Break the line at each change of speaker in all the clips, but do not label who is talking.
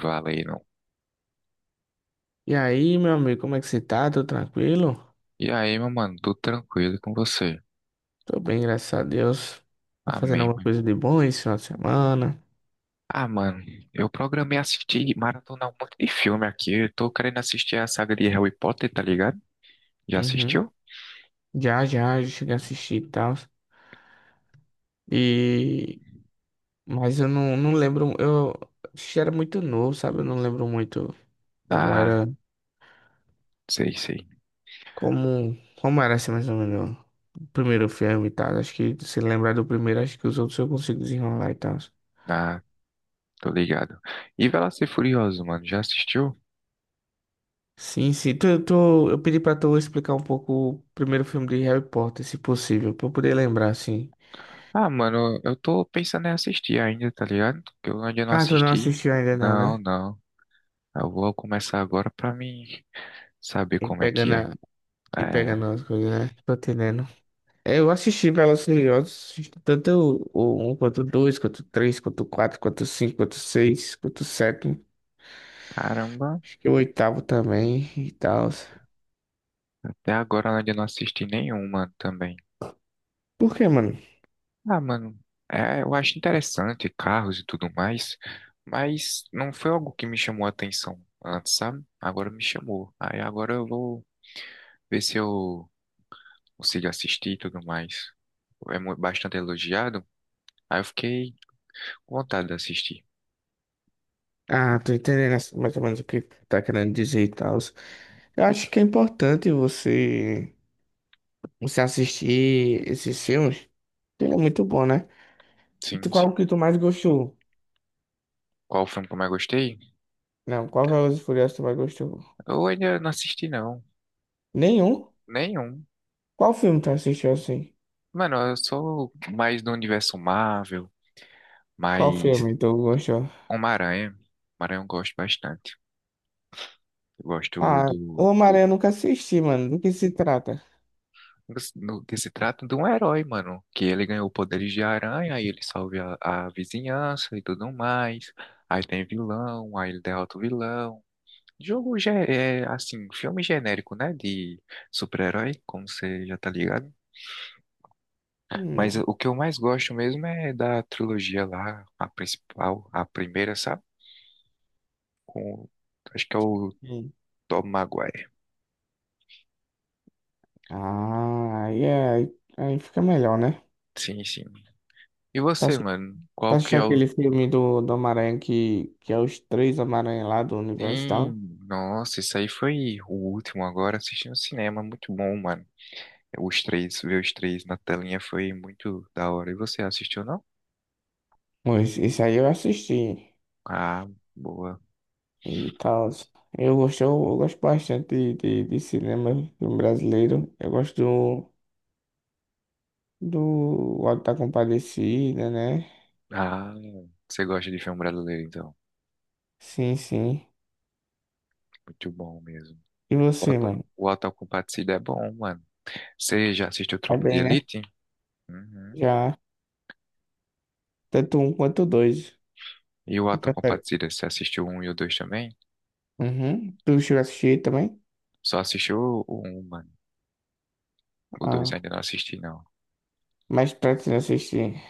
Valeram.
E aí, meu amigo, como é que você tá? Tô tranquilo?
E aí, meu mano, tudo tranquilo com você?
Tô bem, graças a Deus. Tá fazendo
Amém,
alguma
meu
coisa
irmão.
de bom esse final de semana?
Ah, mano, eu programei assistir, maratonar um monte de filme aqui. Eu tô querendo assistir a saga de Harry Potter, tá ligado? Já
Uhum.
assistiu?
Já cheguei a assistir e tal. E... Mas eu não lembro, eu assisti era muito novo, sabe? Eu não lembro muito como
Ah,
era,
sei, sei.
como era assim mais ou menos o primeiro filme e tal. Acho que se lembrar do primeiro, acho que os outros eu consigo desenrolar e tal.
Ah, tô ligado. E Velozes e Furioso, mano, já assistiu?
Sim, sim. Tu, Eu, tô eu pedi pra tu explicar um pouco o primeiro filme de Harry Potter, se possível, pra eu poder lembrar, assim.
Ah, mano, eu tô pensando em assistir ainda, tá ligado? Que eu ainda não
Ah, tu não
assisti.
assistiu ainda não,
Não,
né?
não. Eu vou começar agora pra mim saber
E
como é
pegando,
que é.
a, e
É,
pegando as coisas, né? Tô entendendo. É, eu assisti Velozes e Furiosos, assisti tanto o um quanto o 2, quanto o 3, quanto o 4, quanto o 5, quanto o 6, quanto o 7.
caramba.
Acho que o oitavo também e tal.
Até agora além de eu ainda não assisti nenhuma também.
Por quê, mano?
Ah, mano, eu acho interessante carros e tudo mais, mas não foi algo que me chamou a atenção antes, sabe? Agora me chamou. Aí agora eu vou ver se eu consigo assistir e tudo mais. É bastante elogiado. Aí eu fiquei com vontade de assistir.
Ah, tô entendendo assim, mais ou menos o que tá querendo dizer e tal. Eu acho que é importante você assistir esses filmes, ele é muito bom, né? E
Sim, sim.
qual que tu mais gostou?
Qual filme que eu mais gostei?
Não, qual Velozes e Furiosos tu mais gostou?
Eu ainda não assisti, não.
Nenhum?
Nenhum.
Qual filme tu assistiu assim?
Mano, eu sou mais do universo Marvel,
Qual
mais.
filme tu gostou?
Uma aranha. Uma aranha eu gosto bastante. Eu gosto
Ah, o Homem-Aranha eu nunca assisti, mano. Do que se trata?
no que se trata de um herói, mano. Que ele ganhou poderes de aranha, aí ele salva a vizinhança e tudo mais. Aí tem vilão, aí ele derrota o vilão. Jogo já é, assim, filme genérico, né? De super-herói, como você já tá ligado. Mas
Hum.
o que eu mais gosto mesmo é da trilogia lá, a principal, a primeira, sabe? Com, acho que é o
Hum.
Tom Maguire.
Ah, aí fica melhor, né?
Sim, sim. E
Tá,
você, mano?
tá
Qual que é
assistindo aquele
o.
filme do Homem-Aranha que é os três Homem-Aranha lá do universo e tal?
Sim, nossa, isso aí foi o último agora assistindo cinema. Muito bom, mano. Os três, ver os três na telinha foi muito da hora. E você assistiu, não?
Pois, isso aí eu assisti
Ah, boa.
e tal. Eu gosto bastante de cinema filme brasileiro. Eu gosto do Auto da Compadecida, né?
Ah, você gosta de filme brasileiro, então.
Sim, sim.
Muito bom mesmo.
E
O
você,
Auto,
mano?
o Auto da Compadecida é bom, mano. Você já assistiu
Tá
Tropa de
bem, né?
Elite? Uhum.
Já, tanto um quanto dois.
E o
Tu
Auto da
prefere?
Compadecida, você assistiu um e o dois também?
Uhum. Tu chegou a assistir também?
Só assistiu o um, mano. O dois
Ah,
ainda não assisti, não.
mas pretende assistir.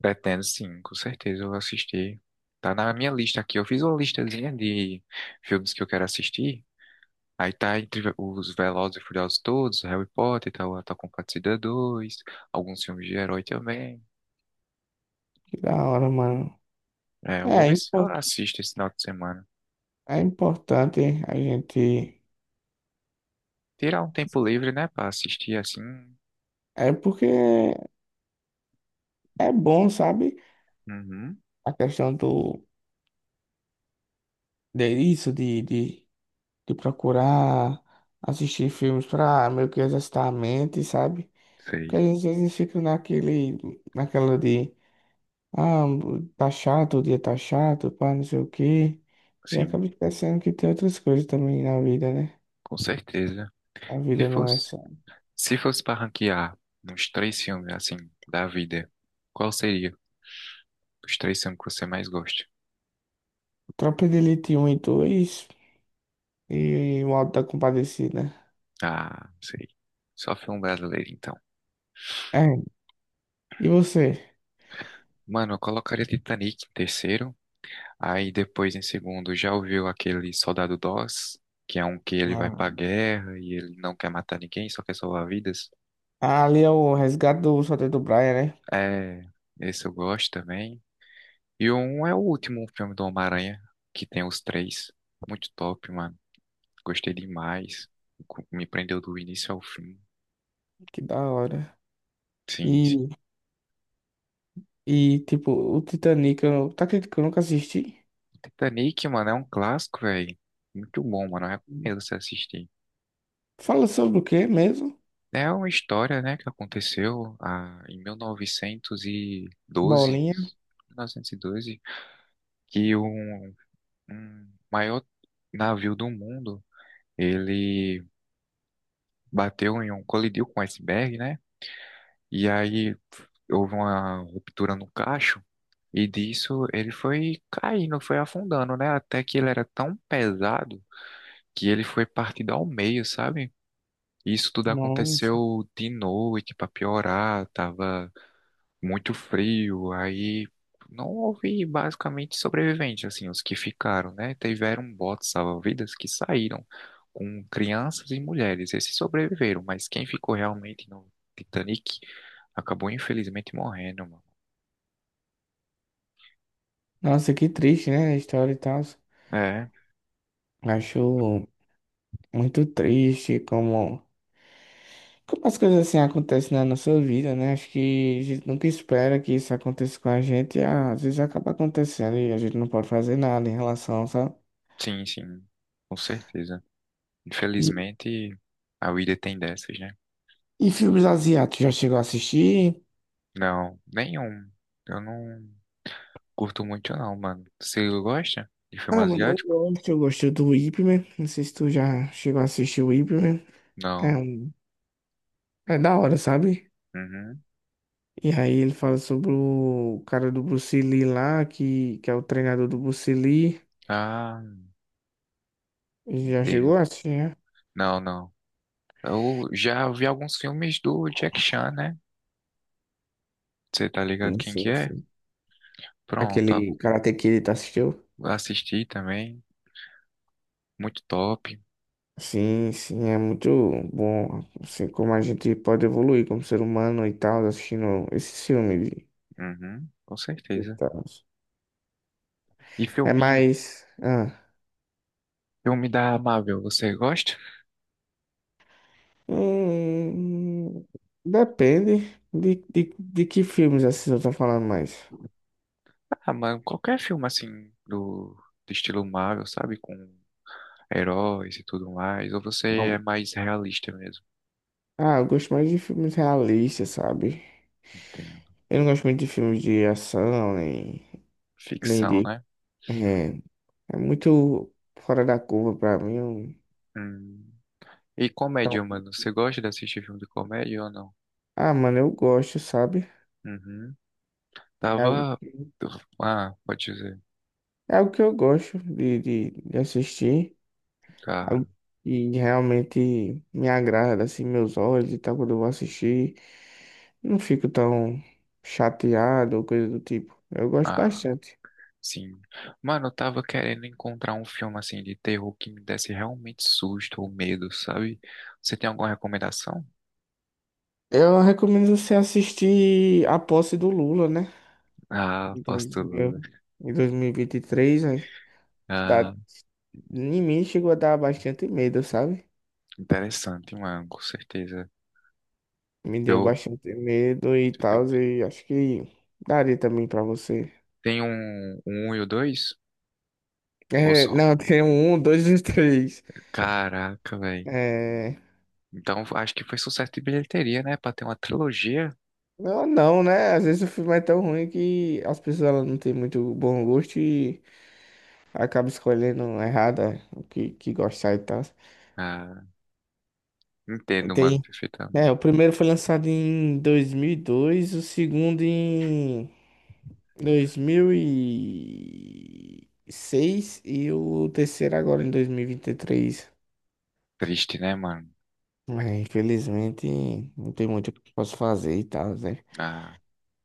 Pretendo sim, com certeza eu vou assistir. Tá na minha lista aqui. Eu fiz uma listazinha de filmes que eu quero assistir. Aí tá entre os Velozes e Furiosos todos, Harry Potter, tá o Ato com Batida 2, alguns filmes de herói também.
Que da hora, mano.
É, eu vou
É,
ver se eu assisto esse final de semana.
é importante a gente.
Tirar um tempo livre, né, pra assistir assim.
É porque é bom, sabe?
Uhum,
A questão do. De isso, de procurar assistir filmes para meio que exercitar a mente, sabe? Porque
sei.
às vezes a gente fica naquele, naquela de, ah, tá chato, o dia tá chato, pá, não sei o quê. E
Sim,
acaba esquecendo que tem outras coisas também na vida, né?
com certeza.
A
Se
vida não é
fosse,
só.
se fosse pra ranquear uns três filmes assim da vida, qual seria os três filmes que você mais gosta?
Tropa de Elite 1 e 2 e o Auto da Compadecida.
Ah, sei. Só filme brasileiro, então.
É. E você?
Mano, eu colocaria Titanic em terceiro. Aí depois, em segundo, já ouviu aquele Soldado Doss, que é um que ele vai
Ah,
pra guerra e ele não quer matar ninguém, só quer salvar vidas.
ali é o resgate do Soldado do Brian, né?
É, esse eu gosto também. E um é o último filme do Homem-Aranha, que tem os três. Muito top, mano. Gostei demais. Me prendeu do início ao fim.
Que da hora.
Sim, sim.
e E, tipo, o Titanic, tá acreditando que eu nunca assisti?
Titanic, mano, é um clássico, velho. Muito bom, mano. Eu recomendo você assistir.
Fala sobre o quê mesmo?
É uma história, né, que aconteceu em 1912,
Bolinha?
1912, que um maior navio do mundo, ele bateu em um, colidiu com um iceberg, né? E aí houve uma ruptura no cacho e disso ele foi caindo, foi afundando, né? Até que ele era tão pesado que ele foi partido ao meio, sabe? Isso tudo
Nossa.
aconteceu de noite para piorar, tava muito frio, aí não houve basicamente sobreviventes, assim, os que ficaram, né? Tiveram botes salva-vidas que saíram com crianças e mulheres, esses sobreviveram, mas quem ficou realmente no Titanic acabou infelizmente morrendo, mano.
Nossa, que triste, né? A história e tal.
É,
Acho muito triste como as coisas assim acontecem na nossa vida, né? Acho que a gente nunca espera que isso aconteça com a gente. E, às vezes acaba acontecendo e a gente não pode fazer nada em relação, sabe?
sim, sim, com certeza.
E,
Infelizmente, a vida tem dessas, né?
e filmes asiáticos, já chegou a assistir?
Não, nenhum. Eu não curto muito, não, mano. Você gosta de filme
Ah, mano, eu
asiático?
gosto, eu gosto do Ip Man. Não sei se tu já chegou a assistir o Ip Man. É,
Não.
é da hora, sabe?
Uhum.
E aí ele fala sobre o cara do Bruce Lee lá, que é o treinador do Bruce Lee.
Ah,
Já chegou assim, né?
não, não. Eu já vi alguns filmes do Jack Chan, né? Você tá ligado
Sim,
quem que
sim,
é?
sim.
Pronto,
Aquele Karate Kid, tá assistiu?
assisti também. Muito top.
Sim, sim, é muito bom, assim, como a gente pode evoluir como ser humano e tal, assistindo esse filme.
Uhum, com
E
certeza.
tal.
E filme,
Ah,
filme da Marvel, você gosta?
hum, depende de que filmes assim eu tô falando mais.
Ah, mano, qualquer filme assim do estilo Marvel, sabe? Com heróis e tudo mais. Ou você é mais realista mesmo?
Ah, eu gosto mais de filmes realistas, sabe?
Entendo.
Eu não gosto muito de filmes de ação, nem
Ficção,
de.
né?
É, é muito fora da curva pra mim.
Hum. E comédia,
Não.
mano. Você gosta de assistir filme de comédia ou não?
Ah, mano, eu gosto, sabe?
Uhum.
É algo
Tava.
que,
Ah, pode dizer.
é algo que eu gosto de assistir.
Ah,
Algo que realmente me agrada, assim, meus olhos e tal, quando eu vou assistir. Não fico tão chateado ou coisa do tipo. Eu gosto
ah,
bastante.
sim. Mano, eu tava querendo encontrar um filme assim de terror que me desse realmente susto ou medo, sabe? Você tem alguma recomendação?
Eu recomendo você assistir A Posse do Lula, né?
Ah,
Em
posso
dois
tudo. Né?
mil- em 2023, né, dá,
Ah,
em mim chegou a dar bastante medo, sabe?
interessante, mano, com certeza.
Me deu
Deu,
bastante medo e
te deu
tal,
medo.
e acho que daria também pra você.
Tem um, um e o dois? Ou
É,
só?
não, tem um, dois e três.
Caraca, velho.
É,
Então acho que foi sucesso de bilheteria, né? Pra ter uma trilogia.
não, não, né? Às vezes o filme é tão ruim que as pessoas elas não têm muito bom gosto e acabam escolhendo errada o que gostar e tal.
Ah, entendo, mano,
Tem, é,
perfeitamente.
o primeiro foi lançado em 2002, o segundo em 2006 e seis e o terceiro agora em dois mil e vinte e três.
Triste, né, mano?
É, infelizmente, não tem muito o que eu posso fazer e tal, né?
Ah,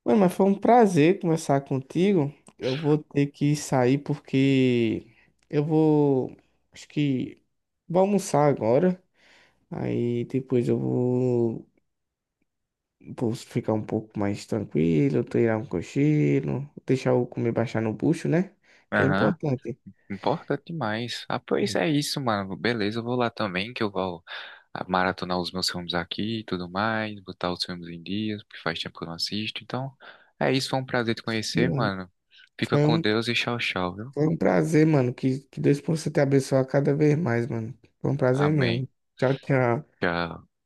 Mano, mas foi um prazer conversar contigo. Eu vou ter que sair porque eu vou, acho que vou almoçar agora. Aí depois eu vou ficar um pouco mais tranquilo, tirar um cochilo, deixar o comer baixar no bucho, né? Que é
aham.
importante.
Importante demais. Ah, pois
É,
é isso, mano. Beleza, eu vou lá também, que eu vou maratonar os meus filmes aqui e tudo mais, botar os filmes em dias, porque faz tempo que eu não assisto. Então, é isso, foi um prazer te
sim,
conhecer,
mano.
mano. Fica
Foi
com
um,
Deus e tchau, tchau, viu?
foi um prazer, mano. Que Deus possa te abençoar cada vez mais, mano. Foi um prazer
Amém.
mesmo. Tchau, tchau.
Tchau.